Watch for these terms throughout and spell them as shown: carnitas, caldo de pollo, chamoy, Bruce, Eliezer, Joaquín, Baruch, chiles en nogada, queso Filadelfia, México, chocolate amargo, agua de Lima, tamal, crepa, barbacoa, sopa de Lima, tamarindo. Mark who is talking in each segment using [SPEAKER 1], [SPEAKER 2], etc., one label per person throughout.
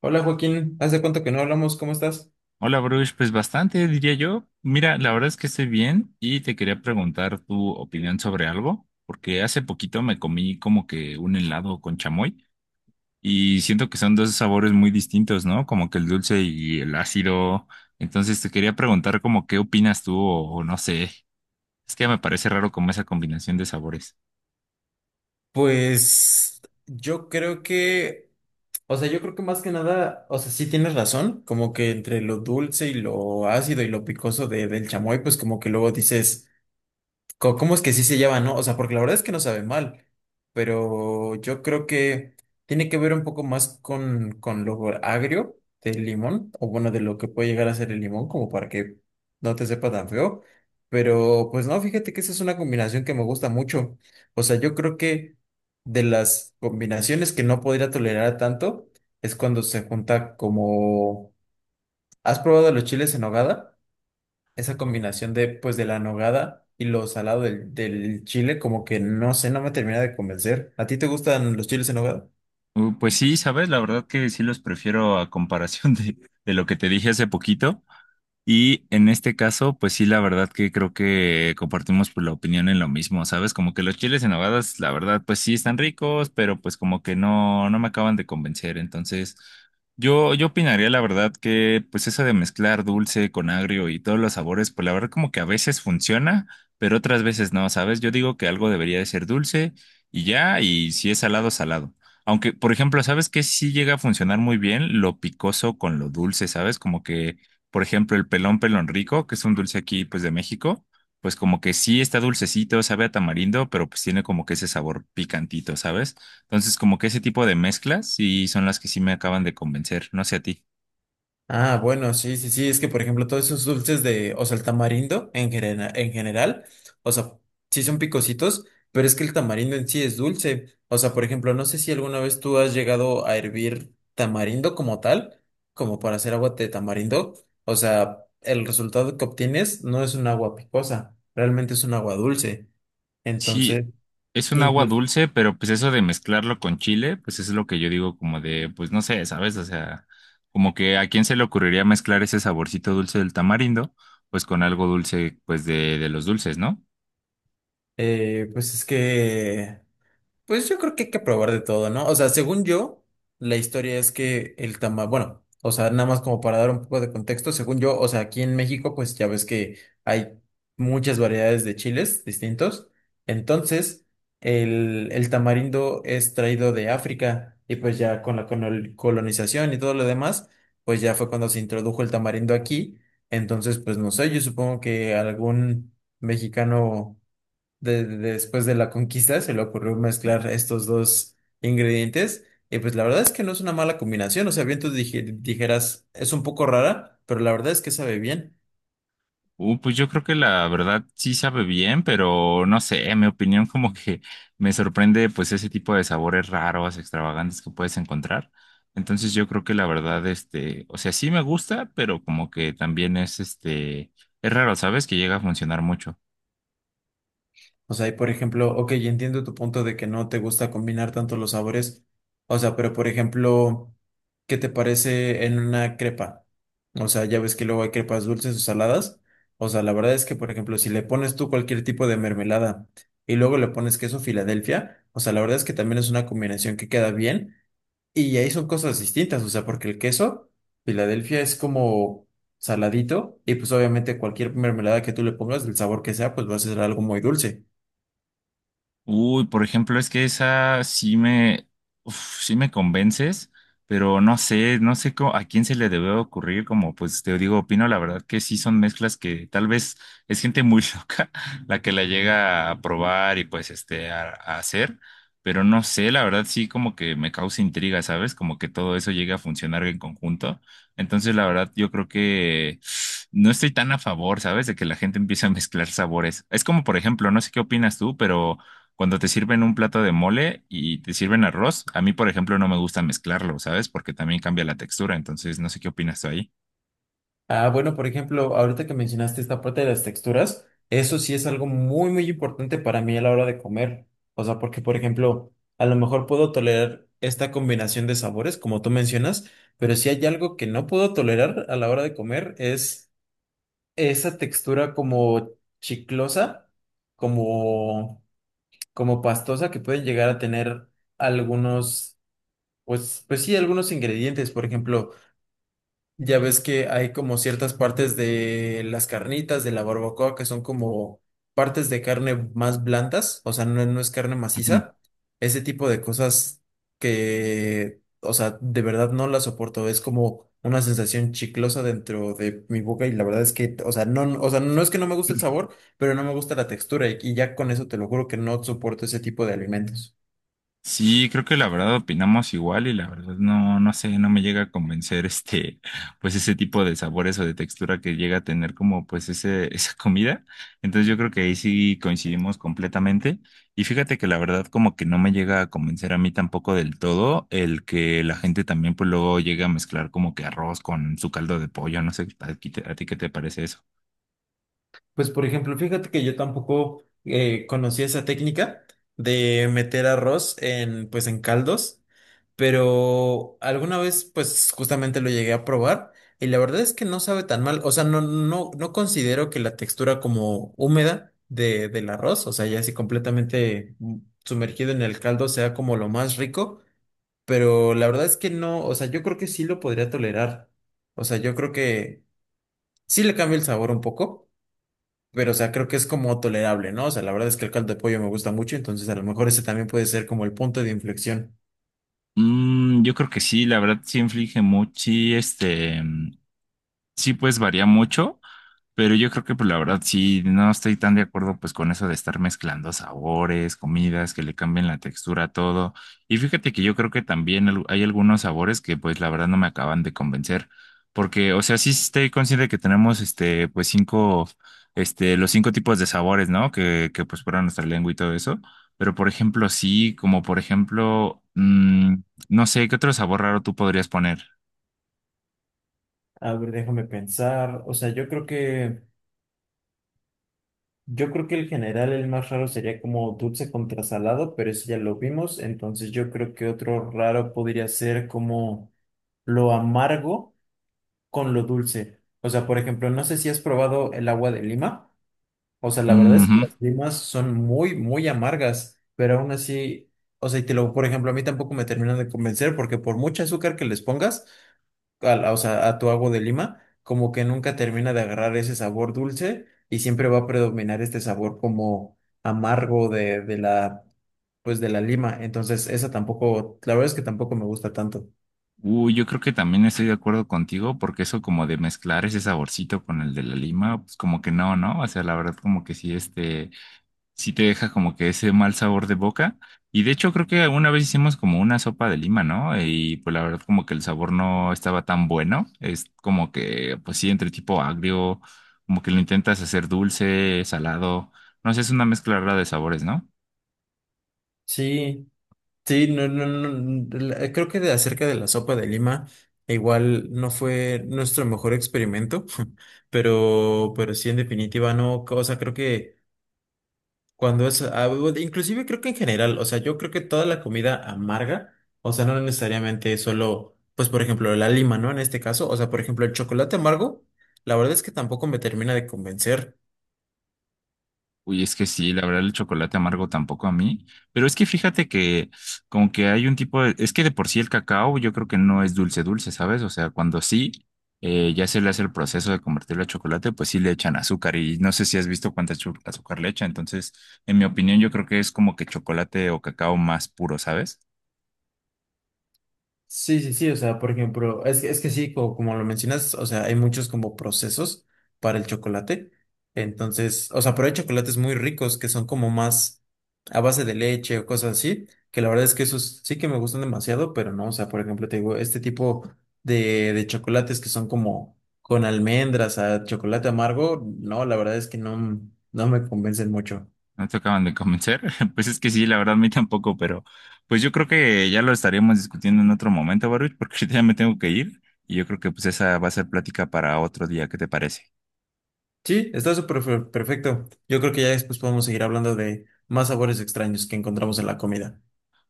[SPEAKER 1] Hola Joaquín, ¿hace cuánto que no hablamos? ¿Cómo estás?
[SPEAKER 2] Hola, Bruce, pues bastante, diría yo. Mira, la verdad es que estoy bien y te quería preguntar tu opinión sobre algo, porque hace poquito me comí como que un helado con chamoy y siento que son dos sabores muy distintos, ¿no? Como que el dulce y el ácido. Entonces te quería preguntar como qué opinas tú o no sé. Es que me parece raro como esa combinación de sabores.
[SPEAKER 1] Pues yo creo que, o sea, yo creo que más que nada, o sea, sí tienes razón, como que entre lo dulce y lo ácido y lo picoso del chamoy, pues como que luego dices... ¿Cómo es que sí se llevan, no? O sea, porque la verdad es que no sabe mal, pero yo creo que tiene que ver un poco más con lo agrio del limón, o bueno, de lo que puede llegar a ser el limón, como para que no te sepa tan feo. Pero pues no, fíjate que esa es una combinación que me gusta mucho. O sea, yo creo que de las combinaciones que no podría tolerar tanto es cuando se junta como... ¿Has probado los chiles en nogada? Esa combinación de, pues, de la nogada y lo salado del chile, como que no sé, no me termina de convencer. ¿A ti te gustan los chiles en nogada?
[SPEAKER 2] Pues sí, sabes, la verdad que sí los prefiero a comparación de lo que te dije hace poquito. Y en este caso, pues sí, la verdad que creo que compartimos pues, la opinión en lo mismo, ¿sabes? Como que los chiles en nogadas, la verdad, pues sí están ricos, pero pues como que no me acaban de convencer. Entonces, yo opinaría la verdad que pues eso de mezclar dulce con agrio y todos los sabores, pues la verdad como que a veces funciona, pero otras veces no, ¿sabes? Yo digo que algo debería de ser dulce y ya, y si es salado, salado. Aunque, por ejemplo, ¿sabes qué? Sí llega a funcionar muy bien lo picoso con lo dulce, ¿sabes? Como que por ejemplo, el pelón pelón rico, que es un dulce aquí, pues de México, pues como que sí está dulcecito, sabe a tamarindo, pero pues tiene como que ese sabor picantito, ¿sabes? Entonces, como que ese tipo de mezclas sí son las que sí me acaban de convencer, no sé a ti.
[SPEAKER 1] Ah, bueno, sí, sí, sí, es que por ejemplo todos esos dulces de, o sea, el tamarindo en general, o sea, sí son picositos, pero es que el tamarindo en sí es dulce. O sea, por ejemplo, no sé si alguna vez tú has llegado a hervir tamarindo como tal, como para hacer agua de tamarindo. O sea, el resultado que obtienes no es un agua picosa, realmente es un agua dulce. Entonces,
[SPEAKER 2] Sí, es un agua
[SPEAKER 1] incluso,
[SPEAKER 2] dulce, pero pues eso de mezclarlo con chile, pues es lo que yo digo como de, pues no sé, ¿sabes? O sea, como que a quién se le ocurriría mezclar ese saborcito dulce del tamarindo, pues con algo dulce, pues de los dulces, ¿no?
[SPEAKER 1] eh, pues es que pues yo creo que hay que probar de todo, ¿no? O sea, según yo, la historia es que el tamal, bueno, o sea, nada más como para dar un poco de contexto, según yo, o sea, aquí en México, pues ya ves que hay muchas variedades de chiles distintos. Entonces, el tamarindo es traído de África y pues ya con la colonización y todo lo demás, pues ya fue cuando se introdujo el tamarindo aquí. Entonces, pues no sé, yo supongo que algún mexicano después de la conquista, se le ocurrió mezclar estos dos ingredientes. Y pues la verdad es que no es una mala combinación. O sea, bien tú dijeras, es un poco rara, pero la verdad es que sabe bien.
[SPEAKER 2] Pues yo creo que la verdad sí sabe bien, pero no sé, en mi opinión como que me sorprende pues ese tipo de sabores raros, extravagantes que puedes encontrar. Entonces yo creo que la verdad, este, o sea, sí me gusta, pero como que también es este, es raro, ¿sabes? Que llega a funcionar mucho.
[SPEAKER 1] O sea, y por ejemplo, ok, entiendo tu punto de que no te gusta combinar tanto los sabores. O sea, pero por ejemplo, ¿qué te parece en una crepa? O sea, ya ves que luego hay crepas dulces o saladas. O sea, la verdad es que, por ejemplo, si le pones tú cualquier tipo de mermelada y luego le pones queso Filadelfia, o sea, la verdad es que también es una combinación que queda bien. Y ahí son cosas distintas, o sea, porque el queso Filadelfia es como saladito y pues obviamente cualquier mermelada que tú le pongas, del sabor que sea, pues va a ser algo muy dulce.
[SPEAKER 2] Uy, por ejemplo, es que esa sí me, uf, sí me convences, pero no sé, no sé cómo- a quién se le debe ocurrir, como pues te digo, opino la verdad que sí son mezclas que tal vez es gente muy loca la que la llega a probar y pues este a hacer, pero no sé, la verdad sí como que me causa intriga, ¿sabes? Como que todo eso llega a funcionar en conjunto. Entonces, la verdad, yo creo que no estoy tan a favor, ¿sabes? De que la gente empiece a mezclar sabores. Es como, por ejemplo, no sé qué opinas tú, pero cuando te sirven un plato de mole y te sirven arroz, a mí, por ejemplo, no me gusta mezclarlo, ¿sabes? Porque también cambia la textura, entonces no sé qué opinas tú ahí.
[SPEAKER 1] Ah, bueno, por ejemplo, ahorita que mencionaste esta parte de las texturas, eso sí es algo muy, muy importante para mí a la hora de comer. O sea, porque, por ejemplo, a lo mejor puedo tolerar esta combinación de sabores, como tú mencionas, pero si hay algo que no puedo tolerar a la hora de comer es esa textura como chiclosa, como, como pastosa que pueden llegar a tener algunos, pues, pues sí, algunos ingredientes, por ejemplo. Ya ves que hay como ciertas partes de las carnitas, de la barbacoa, que son como partes de carne más blandas, o sea, no, no es carne
[SPEAKER 2] Ujú.
[SPEAKER 1] maciza. Ese tipo de cosas que, o sea, de verdad no las soporto. Es como una sensación chiclosa dentro de mi boca y la verdad es que, o sea, no, o sea, no es que no me guste el sabor, pero no me gusta la textura y ya con eso te lo juro que no soporto ese tipo de alimentos.
[SPEAKER 2] Sí, creo que la verdad opinamos igual y la verdad no, no sé, no me llega a convencer este, pues ese tipo de sabores o de textura que llega a tener como pues ese, esa comida. Entonces yo creo que ahí sí coincidimos completamente. Y fíjate que la verdad como que no me llega a convencer a mí tampoco del todo el que la gente también pues luego llega a mezclar como que arroz con su caldo de pollo. No sé, a ti qué te parece eso?
[SPEAKER 1] Pues por ejemplo, fíjate que yo tampoco conocía esa técnica de meter arroz en pues en caldos, pero alguna vez pues justamente lo llegué a probar y la verdad es que no sabe tan mal, o sea, no considero que la textura como húmeda de del arroz, o sea, ya así completamente sumergido en el caldo sea como lo más rico, pero la verdad es que no, o sea, yo creo que sí lo podría tolerar. O sea, yo creo que sí le cambia el sabor un poco. Pero, o sea, creo que es como tolerable, ¿no? O sea, la verdad es que el caldo de pollo me gusta mucho, entonces a lo mejor ese también puede ser como el punto de inflexión.
[SPEAKER 2] Yo creo que sí, la verdad sí inflige mucho, sí, este, sí pues varía mucho. Pero yo creo que, pues la verdad, sí, no estoy tan de acuerdo pues con eso de estar mezclando sabores, comidas, que le cambien la textura a todo. Y fíjate que yo creo que también al- hay algunos sabores que pues la verdad no me acaban de convencer. Porque, o sea, sí estoy consciente que tenemos este, pues cinco, este, los cinco tipos de sabores, ¿no? Que pues fuera nuestra lengua y todo eso. Pero, por ejemplo, sí, como por ejemplo, no sé, ¿qué otro sabor raro tú podrías poner?
[SPEAKER 1] A ver, déjame pensar. O sea, yo creo que el general, el más raro sería como dulce contra salado, pero eso ya lo vimos. Entonces yo creo que otro raro podría ser como lo amargo con lo dulce. O sea, por ejemplo, no sé si has probado el agua de lima. O sea, la verdad es que las limas son muy, muy amargas, pero aún así, o sea, y te lo, por ejemplo, a mí tampoco me terminan de convencer porque por mucho azúcar que les pongas, o sea, a tu agua de lima, como que nunca termina de agarrar ese sabor dulce y siempre va a predominar este sabor como amargo de la, pues de la lima. Entonces, esa tampoco, la verdad es que tampoco me gusta tanto.
[SPEAKER 2] Uy, yo creo que también estoy de acuerdo contigo porque eso como de mezclar ese saborcito con el de la lima, pues como que no, ¿no? O sea, la verdad como que sí, este, sí te deja como que ese mal sabor de boca. Y de hecho creo que alguna vez hicimos como una sopa de lima, ¿no? Y pues la verdad como que el sabor no estaba tan bueno. Es como que, pues sí, entre tipo agrio, como que lo intentas hacer dulce, salado. No sé, es una mezcla rara de sabores, ¿no?
[SPEAKER 1] Sí. Sí, no, no, no, no, la- creo que de acerca de la sopa de lima, igual no fue nuestro mejor experimento, pero sí, en definitiva, no, o sea, creo que cuando es, ah, bueno, inclusive creo que en general, o sea, yo creo que toda la comida amarga, o sea, no necesariamente solo, pues, por ejemplo, la lima, ¿no? En este caso, o sea, por ejemplo, el chocolate amargo, la verdad es que tampoco me termina de convencer.
[SPEAKER 2] Uy, es que sí, la verdad el chocolate amargo tampoco a mí, pero es que fíjate que como que hay un tipo de, es que de por sí el cacao yo creo que no es dulce dulce, ¿sabes? O sea, cuando sí, ya se le hace el proceso de convertirlo a chocolate, pues sí le echan azúcar y no sé si has visto cuánta chu- azúcar le echan, entonces en mi opinión yo creo que es como que chocolate o cacao más puro, ¿sabes?
[SPEAKER 1] Sí, sí, sí, o sea, por ejemplo, es que sí, como, lo mencionas, o sea, hay muchos como procesos para el chocolate. Entonces, o sea, pero hay chocolates muy ricos que son como más a base de leche o cosas así, que la verdad es que esos sí que me gustan demasiado, pero no, o sea, por ejemplo, te digo, este tipo de chocolates que son como con almendras, a chocolate amargo, no, la verdad es que no, no me convencen mucho.
[SPEAKER 2] No te acaban de convencer. Pues es que sí, la verdad, a mí tampoco, pero pues yo creo que ya lo estaríamos discutiendo en otro momento, Baruch, porque ahorita ya me tengo que ir y yo creo que pues esa va a ser plática para otro día, ¿qué te parece?
[SPEAKER 1] Sí, está súper perfecto. Yo creo que ya después podemos seguir hablando de más sabores extraños que encontramos en la comida.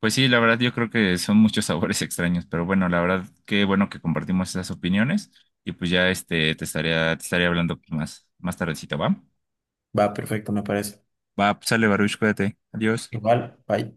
[SPEAKER 2] Pues sí, la verdad, yo creo que son muchos sabores extraños, pero bueno, la verdad, qué bueno que compartimos esas opiniones y pues ya este te estaría hablando más, más tardecito, ¿va?
[SPEAKER 1] Va, perfecto, me parece.
[SPEAKER 2] Va, pues sale, Baruch, cuídate. Adiós.
[SPEAKER 1] Igual, bye.